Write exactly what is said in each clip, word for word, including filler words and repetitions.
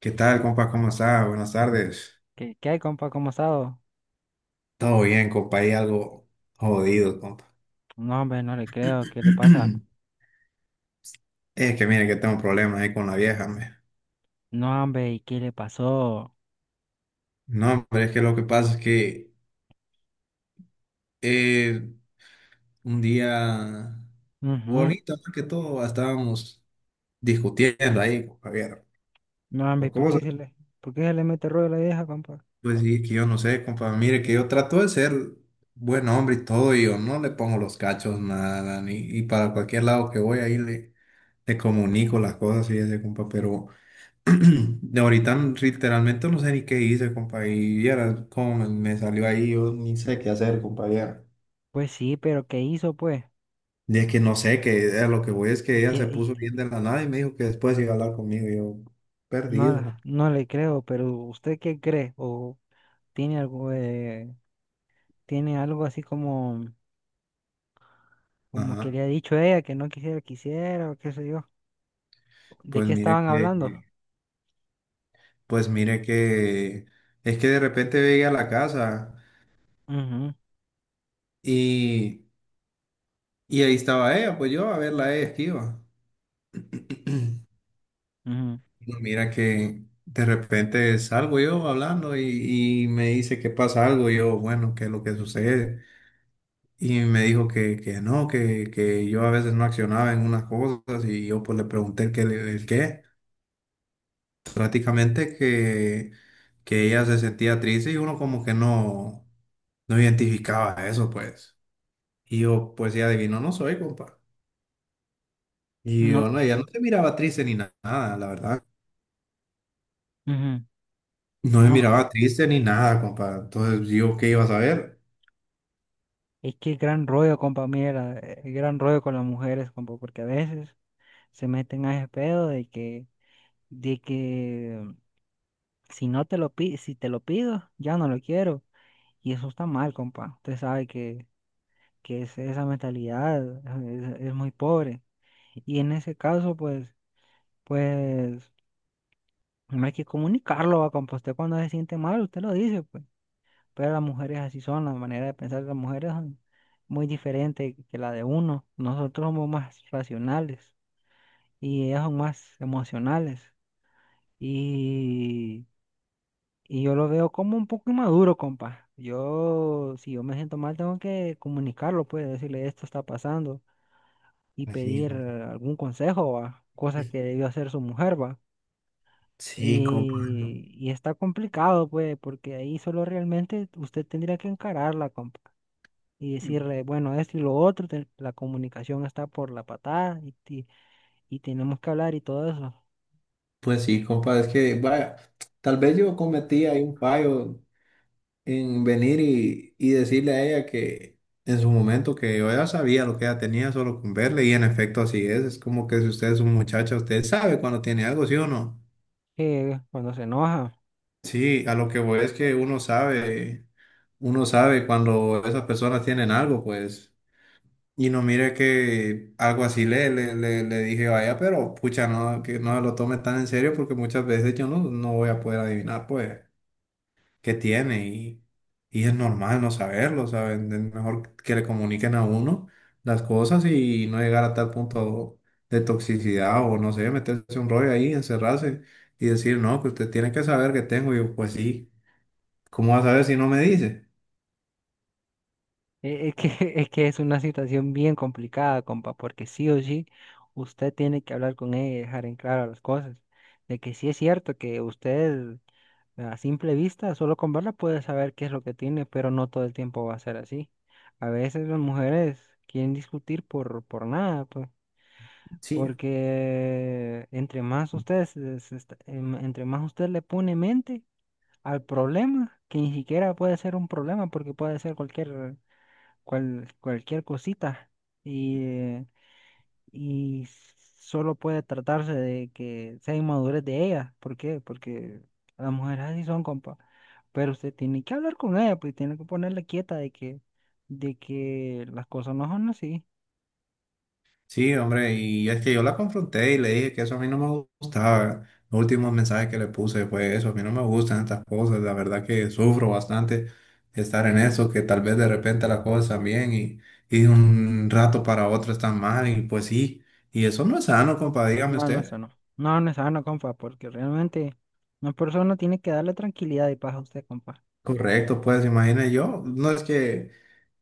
¿Qué tal, compa? ¿Cómo está? Buenas tardes. ¿Qué, qué hay, compa? ¿Cómo ha estado? Todo bien, compa. Hay algo jodido, compa. No, hombre, no le creo. ¿Qué le pasa? Es que mire que tengo problemas ahí con la vieja, me. No, hombre, ¿y qué le pasó? No, pero es que lo que pasa es que eh, un día Ujú. bonito, más que todo, estábamos discutiendo ahí, compa, vieron, No, hombre, ¿y por ¿por qué cosas. se le, ¿Por qué se le mete rollo a la vieja, compa? Pues sí, que yo no sé, compa. Mire que yo trato de ser buen hombre y todo, y yo no le pongo los cachos, nada, ni, y para cualquier lado que voy ahí le, le comunico las cosas y ese, compa, pero. De ahorita literalmente no sé ni qué hice, compa, como me, me salió ahí, yo ni sé qué hacer, compa, vieras. Pues sí, pero ¿qué hizo, pues? Es que no sé, que a lo que voy es que ¿Y ella se qué? y- puso bien de la nada y me dijo que después iba a hablar conmigo, y yo, No, perdido. no le creo, pero ¿usted qué cree? ¿O tiene algo, eh, tiene algo así como, como que Ajá, le ha dicho ella que no quisiera, quisiera, o qué sé yo? ¿De pues qué mire estaban que, hablando? pues mire que, es que de repente llegué a la casa Ujú, y, y ahí estaba ella, pues yo a verla a ella esquiva. ujú. No, mira que de repente salgo yo hablando y, y me dice que pasa algo, y yo, bueno, ¿qué es lo que sucede? Y me dijo que, que no, que, que yo a veces no accionaba en unas cosas y yo pues le pregunté el qué, el qué. Prácticamente que, que ella se sentía triste y uno como que no, no identificaba eso, pues. Y yo, pues ya adivino, no soy, compa. Y yo, No. no, ella no se miraba triste ni na- nada, la verdad. Ujú. No se No, miraba triste ni nada, compa. Entonces, yo, ¿qué iba a saber? Es que gran rollo, compa, mira, eh, eh, gran rollo con las mujeres, compa, porque a veces se meten a ese pedo de que, de que mm, si no te lo pi- si te lo pido, ya no lo quiero. Y eso está mal, compa. Usted sabe que, que es- esa mentalidad eh, es, es muy pobre. Y en ese caso, pues, pues, no hay que comunicarlo, va, compa. Usted cuando se siente mal, usted lo dice, pues. Pero las mujeres así son, la manera de pensar de las mujeres son muy diferente que la de uno. Nosotros somos más racionales y ellas son más emocionales. Y, y yo lo veo como un poco inmaduro, compa. Yo, si yo me siento mal, tengo que comunicarlo, pues decirle esto está pasando y Pues sí, pedir compa. eh, algún consejo, ¿va? Cosa que debió hacer su mujer, ¿va? Sí, compa. No. Y, y está complicado, pues, porque ahí solo realmente usted tendría que encararla, compa, y decirle, bueno, esto y lo otro, te- la comunicación está por la patada y, ti- y tenemos que hablar y todo eso. Pues sí, compa, es que, vaya, tal vez yo cometí ahí un fallo en venir y, y decirle a ella que en su momento que yo ya sabía lo que ella tenía solo con verle y en efecto así es, es como que si usted es un muchacho, usted sabe cuando tiene algo, ¿sí o no? Que cuando se enoja, Sí, a lo que voy es que uno sabe, uno sabe cuando esas personas tienen algo, pues. Y no mire que algo así le, le, le, le dije, vaya, pero pucha, no, que no se lo tome tan en serio porque muchas veces yo no, no voy a poder adivinar, pues, qué tiene y, y es normal no saberlo, ¿saben? Es mejor que le comuniquen a uno las cosas y no llegar a tal punto de toxicidad o no sé, meterse un rollo ahí, encerrarse y decir, no, que usted tiene que saber que tengo. Y yo, pues sí, ¿cómo va a saber si no me dice? e- es que, es que es una situación bien complicada, compa, porque sí o sí, usted tiene que hablar con ella y dejar en claro las cosas, de que sí es cierto que usted a simple vista, solo con verla puede saber qué es lo que tiene, pero no todo el tiempo va a ser así. A veces las mujeres quieren discutir por, por nada, pues. Sí. Porque entre más usted, se- se está- em- entre más usted le pone mente al problema, que ni siquiera puede ser un problema, porque puede ser cualquier, cual- cualquier cosita, y, eh, y solo puede tratarse de que sea inmadurez de ella. ¿Por qué? Porque las mujeres así son, compa. Pero usted tiene que hablar con ella, pues tiene que ponerle quieta de que, de que las cosas no son así. Sí, hombre, y es que yo la confronté y le dije que eso a mí no me gustaba. Los últimos mensajes que le puse fue eso, a mí no me gustan estas cosas, la verdad que sufro bastante estar en eso, que tal vez de repente las cosas están bien y, y de un rato para otro están mal y pues sí, y eso no es sano, compa, dígame No, el usted. nuestro no. No, el nuestro no, compa, porque realmente una persona tiene que darle tranquilidad y paz a usted, compa. Correcto, pues imagine yo, no es que,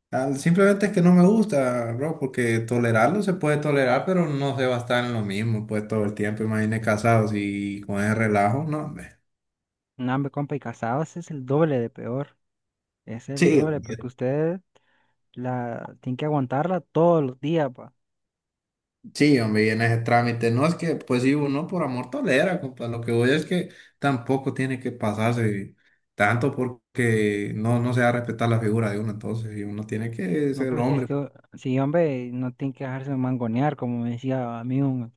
al- simplemente es que no me gusta, bro, porque tolerarlo se puede tolerar, pero no se va a estar en lo mismo, pues todo el tiempo, imagine casados y con ese relajo, no, hombre. No, hombre, compa, y casados es el doble de peor. Es el Sí, doble, porque hombre, usted la tiene que aguantarla todos los días, pa. sí, hombre, y en ese trámite, no es que, pues sí, uno por amor tolera, compa, lo que voy es que tampoco tiene que pasarse tanto porque no, no se va a respetar la figura de uno, entonces, y uno tiene que No, ser pues es hombre, que, sí, hombre, no tiene que dejarse mangonear, como me decía a mí un,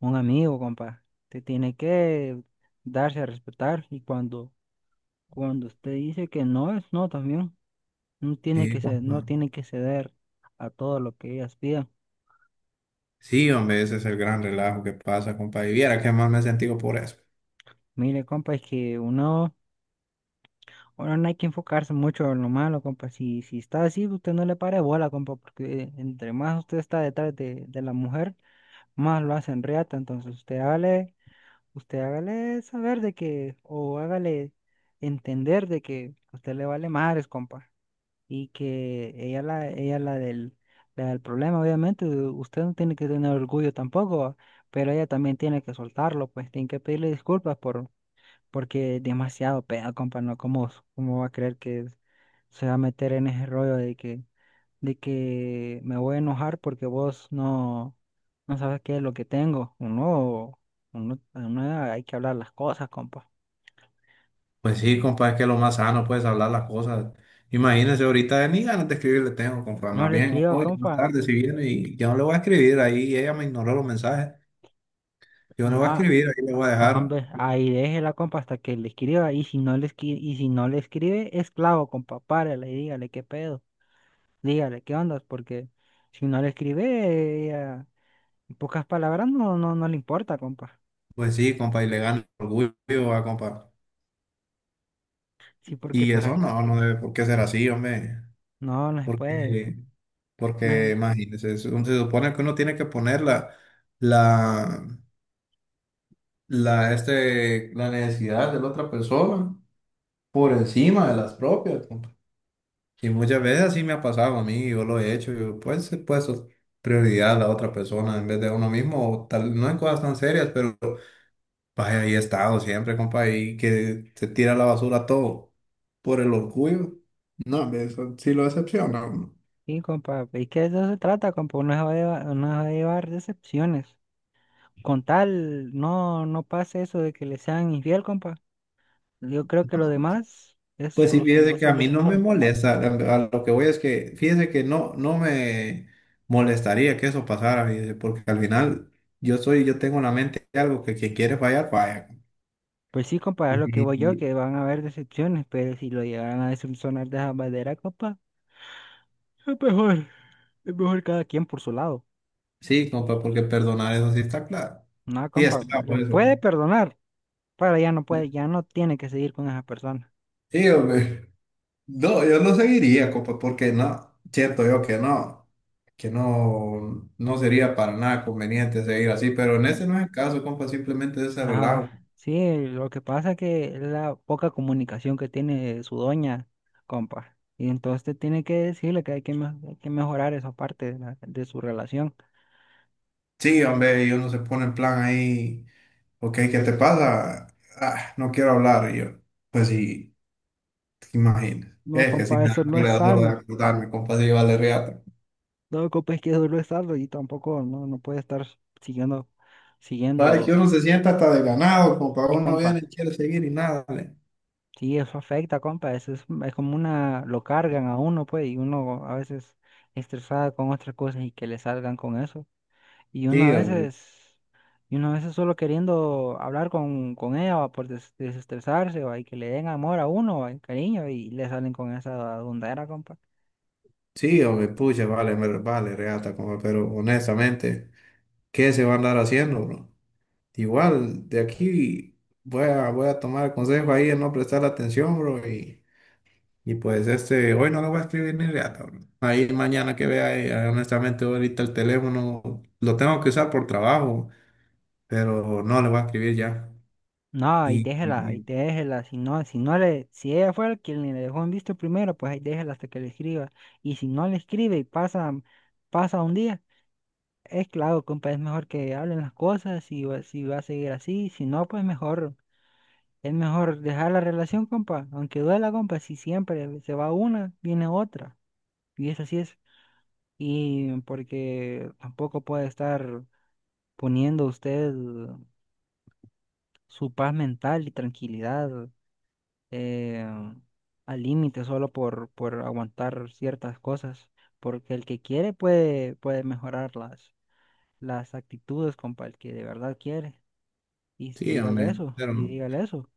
un amigo, compa. Usted tiene que darse a respetar y cuando, cuando usted dice que no es no también. No tiene sí, que ceder, no compa, tiene que ceder a todo lo que ellas pidan. sí, hombre, ese es el gran relajo que pasa, compa, y viera que más me he sentido por eso. Mire, compa, es que uno, uno no hay que enfocarse mucho en lo malo, compa. Si, si está así, usted no le pare bola, compa, porque entre más usted está detrás de, de la mujer, más lo hacen reata. Entonces usted hágale, usted hágale saber de que, o hágale entender de que a usted le vale madres, compa. Y que ella la, ella la del, La del problema, obviamente, usted no tiene que tener orgullo tampoco, pero ella también tiene que soltarlo, pues tiene que pedirle disculpas por porque demasiado peda, compa, ¿no? ¿Cómo, cómo va a creer que se va a meter en ese rollo de que, de que me voy a enojar porque vos no, no sabes qué es lo que tengo? Uno, uno, uno hay que hablar las cosas, compa. Pues sí, compa, es que lo más sano, puedes hablar las cosas. Imagínese ahorita ni ganas de escribirle tengo, compa, No más le bien escriba, hoy, más compa. tarde, si viene, y yo no le voy a escribir, ahí ella me ignoró los mensajes. Yo no voy a No, escribir, ahí le voy a no, dejar. hombre, ahí déjela, compa, hasta que le escriba. Y si no le escribe, y si no le escribe, es clavo, compa, párele y dígale qué pedo. Dígale qué ondas, porque si no le escribe, ella, en pocas palabras, no, no, no le importa, compa. Pues sí, compa, y le gano el orgullo a compa. Sí, porque Y para... eso no, no debe por qué ser así, hombre. No, no se puede. Porque, Ah, porque imagínese, se se supone que uno tiene que poner la, la, la, este, la necesidad de la otra persona por encima de las propias, compa. Y muchas veces así me ha pasado a mí, yo lo he hecho, yo pues he puesto prioridad a la otra persona en vez de a uno mismo, o tal, no en cosas tan serias, pero vaya, ahí he estado siempre, compa, y que se tira a la basura todo por el orgullo. No, hombre, eso sí lo decepciona a uno. sí, compa, es que de eso se trata, compa, uno se va a llevar, no se va a llevar decepciones. Con tal, no, no pase eso de que le sean infiel, compa. Yo creo que lo demás es, Pues sí, solucion- fíjese es que a mí no me solucionable. molesta. A a lo que voy es que, fíjese que no, no me molestaría que eso pasara, fíjese, porque al final yo soy, yo tengo en la mente algo que quien quiere fallar, falla. Pues sí, compa, Y- es lo que voy yo, y- que van a haber decepciones, pero si lo llegaran a decepcionar de esa manera, compa, es mejor. Es mejor cada quien por su lado. sí, compa, porque perdonar eso sí está claro. No, Sí compa, está, la por eso, puede compa. perdonar, pero ya no puede, ya no tiene que seguir con esa persona. Sí, hombre. No, yo no seguiría, compa, porque no, siento yo que no, que no, no sería para nada conveniente seguir así, pero en ese no es el caso, compa, simplemente es ese relajo. Ajá, sí, lo que pasa que es la poca comunicación que tiene su doña, compa. Y entonces tiene que decirle que hay que, me- hay que mejorar esa parte de, la- de su relación. Sí, hombre, y uno se pone en plan ahí, ok, ¿qué te pasa? Ah, no quiero hablar, y yo, pues sí, te imaginas, No, es que sí compa, me da eso no es cólera solo de sano. acordarme, compa, sí vale reata. No, compa, es que eso no es sano y tampoco no, no puede estar siguiendo, Sabes que siguiendo. uno se sienta hasta desganado, compa, Sí, uno compa. viene y quiere seguir y nada, le- Sí, eso afecta, compa. Eso es, es como una, lo cargan a uno, pues, y uno a veces estresada con otras cosas y que le salgan con eso. Y uno Sí, a hombre. veces, y uno a veces solo queriendo hablar con, con ella va, por des- desestresarse, va, y que le den amor a uno, va, y cariño, y le salen con esa dundera, compa. Sí, hombre, pucha, vale, me- vale, reata, como, pero honestamente, ¿qué se va a andar haciendo, bro? Igual, de aquí voy a, voy a tomar el consejo ahí de no prestar atención, bro, y, y pues este, hoy no lo voy a escribir ni reata, bro. Ahí mañana que vea, eh, honestamente, ahorita el teléfono lo tengo que usar por trabajo, pero no le voy a escribir ya. No, y Y, y- déjela, y y- déjela, Si no, si no le, si ella fue el quien le dejó en visto primero, pues ahí déjela hasta que le escriba. Y si no le escribe y pasa, pasa un día, es claro, compa, es mejor que hablen las cosas, si va, si va a seguir así, si no, pues mejor. Es mejor dejar la relación, compa, aunque duela, compa, si siempre se va una, viene otra. Y eso así es. Y porque tampoco puede estar poniendo usted su paz mental y tranquilidad eh, al límite solo por, por aguantar ciertas cosas. Porque el que quiere puede, puede mejorar las, las actitudes, compa, el que de verdad quiere. Y sí, dígale hombre, eso, pero y dígale eso.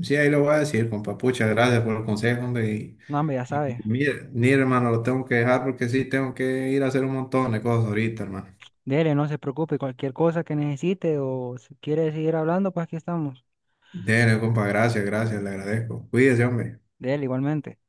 sí, ahí lo voy a decir, compa. Pucha, gracias por el consejo, hombre. Y, No, hombre, ya y sabe. mire, mire, hermano, lo tengo que dejar porque sí, tengo que ir a hacer un montón de cosas ahorita, hermano. Dele, no se preocupe, cualquier cosa que necesite o si quiere seguir hablando, pues aquí estamos. Dele, compa, gracias, gracias, le agradezco. Cuídese, hombre. Dele, igualmente.